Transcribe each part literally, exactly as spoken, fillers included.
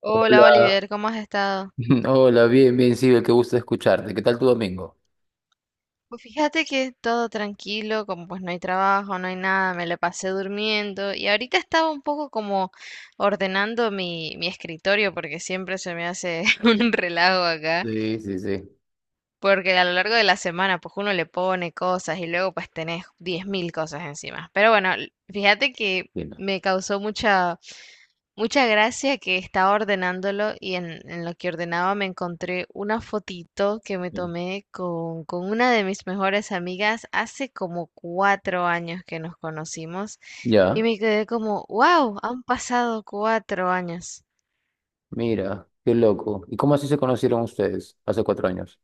Hola Hola, Oliver, ¿cómo has estado? hola, bien, bien, Sibel, qué gusto escucharte. ¿Qué tal tu domingo? Pues fíjate que todo tranquilo, como pues no hay trabajo, no hay nada, me la pasé durmiendo y ahorita estaba un poco como ordenando mi, mi escritorio porque siempre se me hace un relajo acá. Sí, sí, sí. Porque a lo largo de la semana, pues uno le pone cosas y luego pues tenés diez mil cosas encima. Pero bueno, l- fíjate que Bien, me causó mucha, mucha gracia que estaba ordenándolo y en, en lo que ordenaba me encontré una fotito que me bien. tomé con, con una de mis mejores amigas hace como cuatro años que nos conocimos y Ya, me quedé como, wow, han pasado cuatro años. mira, qué loco. ¿Y cómo así se conocieron ustedes hace cuatro años?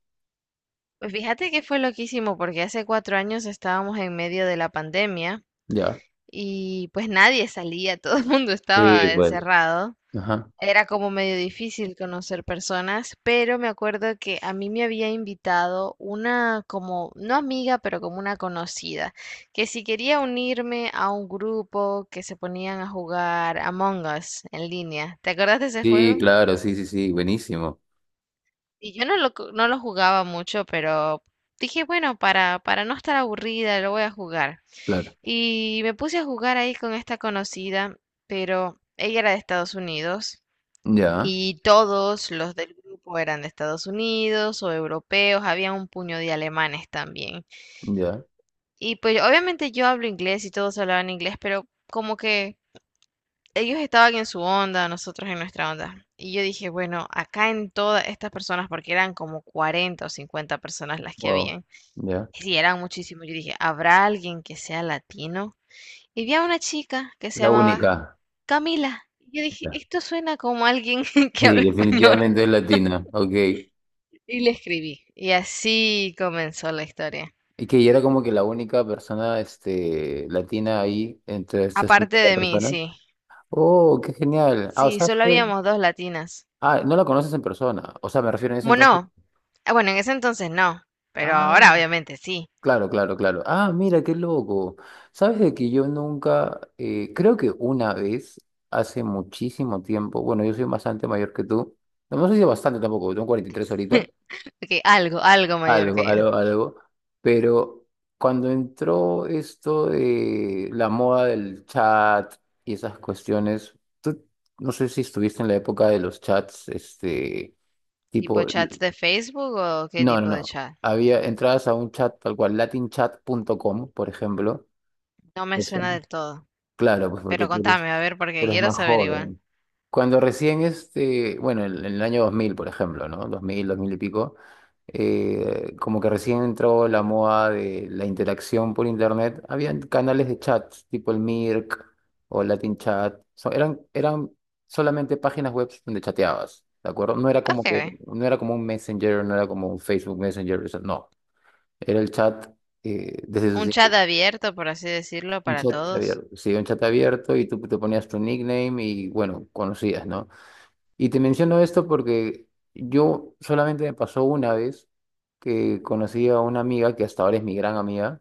Pues fíjate que fue loquísimo porque hace cuatro años estábamos en medio de la pandemia. Ya. Y pues nadie salía, todo el mundo estaba Sí, bueno. encerrado. Ajá. Era como medio difícil conocer personas, pero me acuerdo que a mí me había invitado una como, no amiga, pero como una conocida, que si quería unirme a un grupo que se ponían a jugar Among Us en línea. ¿Te acordás de ese Sí, juego? claro, sí, sí, sí, buenísimo. Y yo no lo, co- no lo jugaba mucho, pero dije, bueno, para, para no estar aburrida, lo voy a jugar. Claro. Y me puse a jugar ahí con esta conocida, pero ella era de Estados Unidos Ya, y todos los del grupo eran de Estados Unidos o europeos, había un puño de alemanes también. ya, Y pues obviamente yo hablo inglés y todos hablaban inglés, pero como que ellos estaban en su onda, nosotros en nuestra onda. Y yo dije, bueno, acá en todas estas personas, porque eran como cuarenta o cincuenta personas las que wow, habían, ya. y sí, eran muchísimos, yo dije, ¿habrá alguien que sea latino? Y vi a una chica que se La llamaba única. Camila. Y yo dije, Ya. esto suena como alguien que Sí, habla español. definitivamente es latina, ok. Y le escribí. Y así comenzó la historia. Y que ella era como que la única persona este, latina ahí entre estas Aparte cincuenta de mí, personas. sí. Oh, qué genial. Ah, o Sí, sea, solo fue. habíamos dos latinas. Ah, no la conoces en persona. O sea, me refiero en ese entonces. Bueno, ah, bueno, en ese entonces no. Pero Ah, ahora obviamente sí. claro, claro, claro. Ah, mira, qué loco. Sabes de que yo nunca, eh, creo que una vez, hace muchísimo tiempo, bueno, yo soy bastante mayor que tú. No, no sé si bastante tampoco, tengo cuarenta y tres ahorita. Ok, algo, algo mayor Algo, que yo. algo, algo. Pero cuando entró esto de la moda del chat y esas cuestiones, tú no sé si estuviste en la época de los chats, este, ¿Tipo tipo. chats de Facebook o qué No, no, tipo de no. chat? Había entradas a un chat tal cual, latin chat punto com, por ejemplo. No me Eso. suena ¿No? del todo. Claro, pues Pero porque tú eres, contame, a ver, tú porque eres quiero más saber igual. joven. Cuando recién este, bueno, en, en el año dos mil, por ejemplo, ¿no? dos mil, dos mil y pico, eh, como que recién entró la moda de la interacción por internet, habían canales de chat, tipo el Mirk o Latin Chat, so- eran, eran solamente páginas web donde chateabas, ¿de acuerdo? No era como que, Ok. no era como un Messenger, no era como un Facebook Messenger, eso no, era el chat eh, desde sus Un chat abierto, por así decirlo, un para chat todos. abierto, sí, un chat abierto y tú te ponías tu nickname y bueno, conocías, ¿no? Y te menciono esto porque yo solamente me pasó una vez que conocí a una amiga que hasta ahora es mi gran amiga,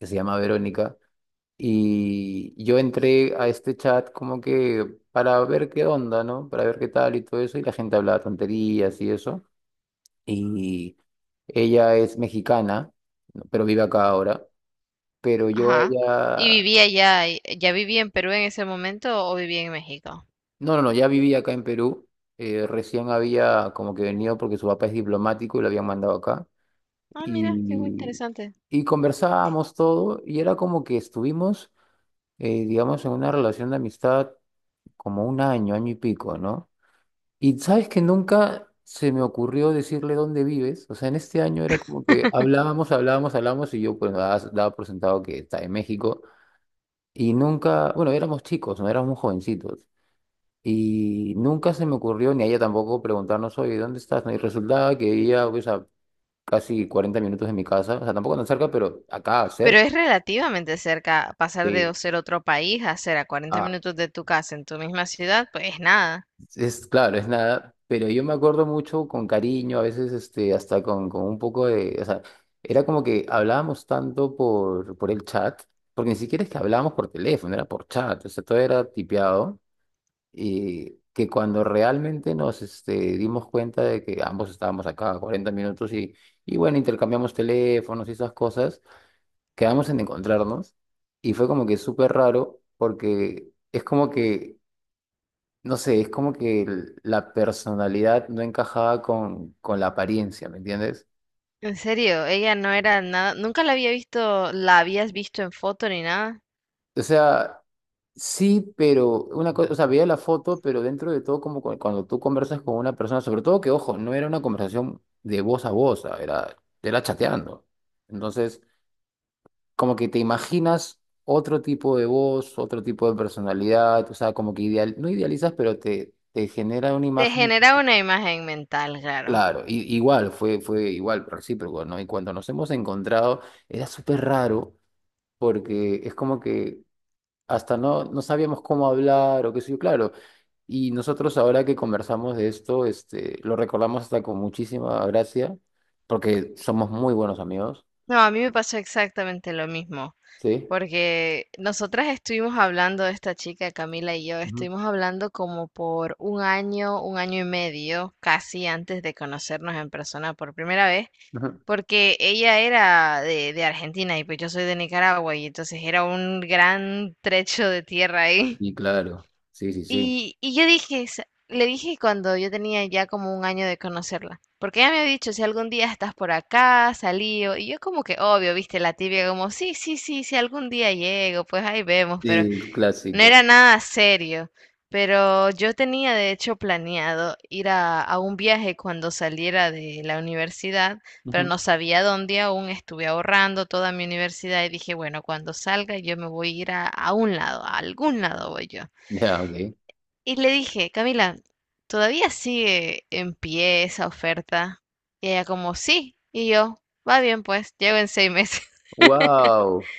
que se llama Verónica, y yo entré a este chat como que para ver qué onda, ¿no? Para ver qué tal y todo eso, y la gente hablaba tonterías y eso, y ella es mexicana, ¿no? Pero vive acá ahora, pero yo a Ajá. ¿Y ella. vivía ya, eh, ya vivía en Perú en ese momento o vivía en México? No, no, no, ya vivía acá en Perú. eh, recién había como que venido porque su papá es diplomático y lo habían mandado acá. Ah, mira, qué bu- Y, interesante. y conversábamos todo y era como que estuvimos, eh, digamos, en una relación de amistad como un año, año y pico, ¿no? Y sabes que nunca se me ocurrió decirle dónde vives. O sea, en este año era como que hablábamos, hablábamos, hablábamos y yo pues daba, daba por sentado que está en México. Y nunca, bueno, éramos chicos, no éramos jovencitos. Y nunca se me ocurrió, ni a ella tampoco, preguntarnos, oye, ¿dónde estás? ¿No? Y resultaba que ella, pues, a casi cuarenta minutos de mi casa, o sea, tampoco tan cerca, pero acá, Pero cerca. es relativamente cerca pasar de Sí. ser otro país a ser a cuarenta Ah, minutos de tu casa en tu misma ciudad, pues es nada. es claro, es nada, pero yo me acuerdo mucho con cariño, a veces, este, hasta con, con un poco de, o sea, era como que hablábamos tanto por, por el chat, porque ni siquiera es que hablábamos por teléfono, era por chat, o sea, todo era tipeado. Y que cuando realmente nos este, dimos cuenta de que ambos estábamos acá a cuarenta minutos y, y bueno, intercambiamos teléfonos y esas cosas, quedamos en encontrarnos y fue como que súper raro porque es como que, no sé, es como que el- la personalidad no encajaba con, con la apariencia, ¿me entiendes? En serio, ella no era nada, nunca la había visto, la habías visto en foto ni nada. O sea, sí, pero una cosa, o sea, veía la foto, pero dentro de todo, como cu- cuando tú conversas con una persona, sobre todo que, ojo, no era una conversación de voz a voz, ah, era, era chateando. Entonces, como que te imaginas otro tipo de voz, otro tipo de personalidad, o sea, como que ideal, no idealizas, pero te, te genera una Te imagen, generaba una imagen mental, claro. claro, i- igual, fue, fue igual, recíproco, ¿no? Y cuando nos hemos encontrado, era súper raro, porque es como que hasta no, no sabíamos cómo hablar o qué sé yo, claro. Y nosotros ahora que conversamos de esto, este, lo recordamos hasta con muchísima gracia, porque somos muy buenos amigos, No, a mí me pasó exactamente lo mismo. ¿sí? Porque nosotras estuvimos hablando de esta chica, Camila y yo, Ujú, estuvimos hablando como por un año, un año y medio, casi antes de conocernos en persona por primera vez, ujú. porque ella era de, de Argentina y pues yo soy de Nicaragua y entonces era un gran trecho de tierra ahí. Y claro, sí, sí, sí. Y, y yo dije, "Sa- le dije cuando yo tenía ya como un año de conocerla, porque ella me había dicho, si algún día estás por acá, salí, o-". Y yo como que obvio, viste, la tibia como, sí, sí, sí, si algún día llego, pues ahí vemos, pero Sí, no clásico. era nada serio. Pero yo tenía de hecho planeado ir a, a un viaje cuando saliera de la universidad, pero Ujú. no sabía dónde aún, estuve ahorrando toda mi universidad y dije, bueno, cuando salga yo me voy a ir a, a un lado, a algún lado voy yo. Ya, ok. Y le dije, Camila, ¿todavía sigue en pie esa oferta? Y ella como, sí. Y yo, va bien pues, llevo en seis meses. Wow.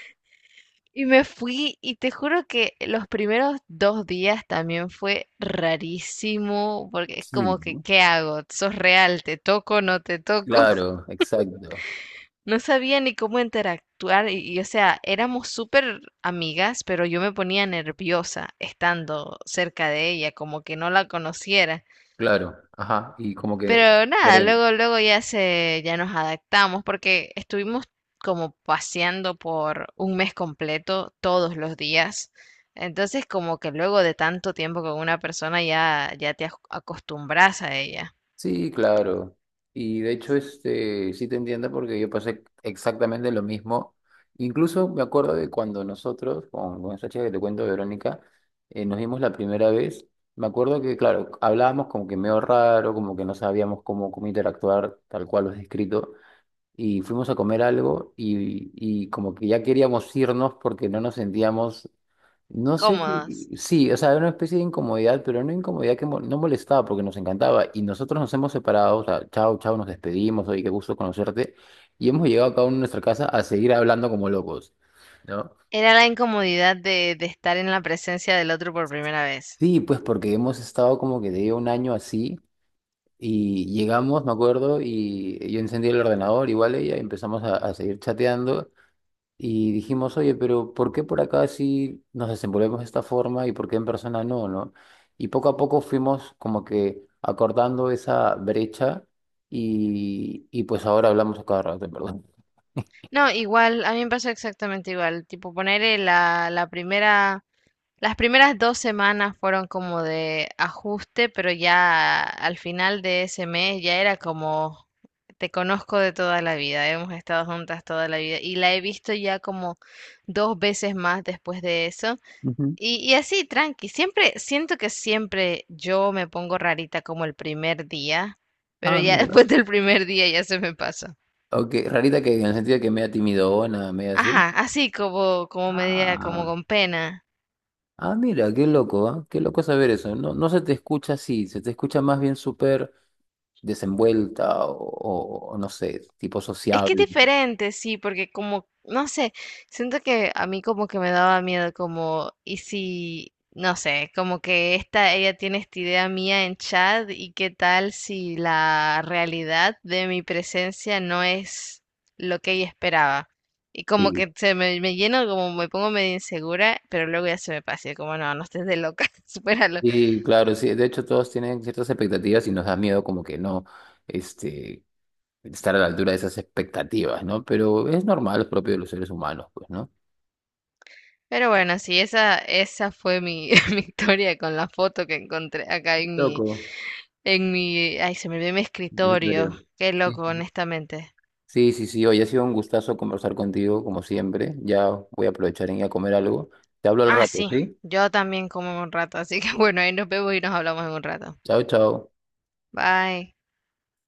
Y me fui y te juro que los primeros dos días también fue rarísimo, porque es Sí, como que, ¿no? ¿qué hago? ¿Sos real? ¿Te toco? ¿No te toco? Claro, exacto. No sabía ni cómo interactuar y, y, o sea, éramos súper amigas, pero yo me ponía nerviosa estando cerca de ella, como que no la conociera. Claro, ajá. Y como que, Pero nada, veré. luego, luego ya se, ya nos adaptamos porque estuvimos como paseando por un mes completo todos los días. Entonces, como que luego de tanto tiempo con una persona ya, ya te ac- acostumbras a ella. Sí, claro. Y de hecho, este, sí te entiendo porque yo pasé exactamente lo mismo. Incluso me acuerdo de cuando nosotros, con, con esta chica que te cuento, Verónica, eh, nos vimos la primera vez. Me acuerdo que, claro, hablábamos como que medio raro, como que no sabíamos cómo, cómo interactuar, tal cual lo has descrito y fuimos a comer algo y, y como que ya queríamos irnos porque no nos sentíamos, no sé si, Cómodos. sí, o sea, era una especie de incomodidad, pero una incomodidad que mo- no molestaba porque nos encantaba y nosotros nos hemos separado, o sea, chao, chao, nos despedimos, oye, qué gusto conocerte y hemos llegado cada uno a nuestra casa a seguir hablando como locos, ¿no? Era la incomodidad de, de estar en la presencia del otro por primera vez. Sí, pues porque hemos estado como que de un año así. Y llegamos, me acuerdo, y yo encendí el ordenador, igual ella, y empezamos a a seguir chateando. Y dijimos, oye, pero ¿por qué por acá sí nos desenvolvemos de esta forma y por qué en persona no, no? Y poco a poco fuimos como que acordando esa brecha y, y pues ahora hablamos a cada rato, en verdad. No, igual, a mí me pasó exactamente igual. Tipo, poner la, la primera Las primeras dos semanas fueron como de ajuste, pero ya al final de ese mes ya era como, te conozco de toda la vida, hemos estado juntas toda la vida y la he visto ya como dos veces más después de eso. Ujú. Y, y así, tranqui, siempre, siento que siempre yo me pongo rarita como el primer día, pero Ah, ya mira. después del primer día ya se me pasa. Ok, rarita que en el sentido de que media timidona, media así. Ajá, así como, como media, como Ah, con pena. ah, mira, qué loco, ¿ah? Qué loco saber eso. No, no se te escucha así, se te escucha más bien súper desenvuelta o, o- o no sé, tipo Es que es sociable. diferente, sí, porque como, no sé, siento que a mí como que me daba miedo, como, y si, no sé, como que esta, ella tiene esta idea mía en chat y qué tal si la realidad de mi presencia no es lo que ella esperaba. Y como que se me, me lleno, como me pongo medio insegura, pero luego ya se me pasa, y como no, no estés de loca, supéralo. Sí, claro, sí. De hecho, todos tienen ciertas expectativas y nos da miedo como que no, este, estar a la altura de esas expectativas, ¿no? Pero es normal, es propio de los seres humanos, pues, ¿no? Pero bueno, sí, esa, esa fue mi, mi historia con la foto que encontré acá en mi Loco. En mi, ay, se me olvidó mi En escritorio. serio. Qué loco, Sí, honestamente. sí, sí, sí. Hoy ha sido un gustazo conversar contigo, como siempre. Ya voy a aprovechar en ir a comer algo. Te hablo al Ah, rato, sí, ¿sí? yo también como en un rato, así que bueno, ahí nos vemos y nos hablamos en un rato. Chao, chao. Bye.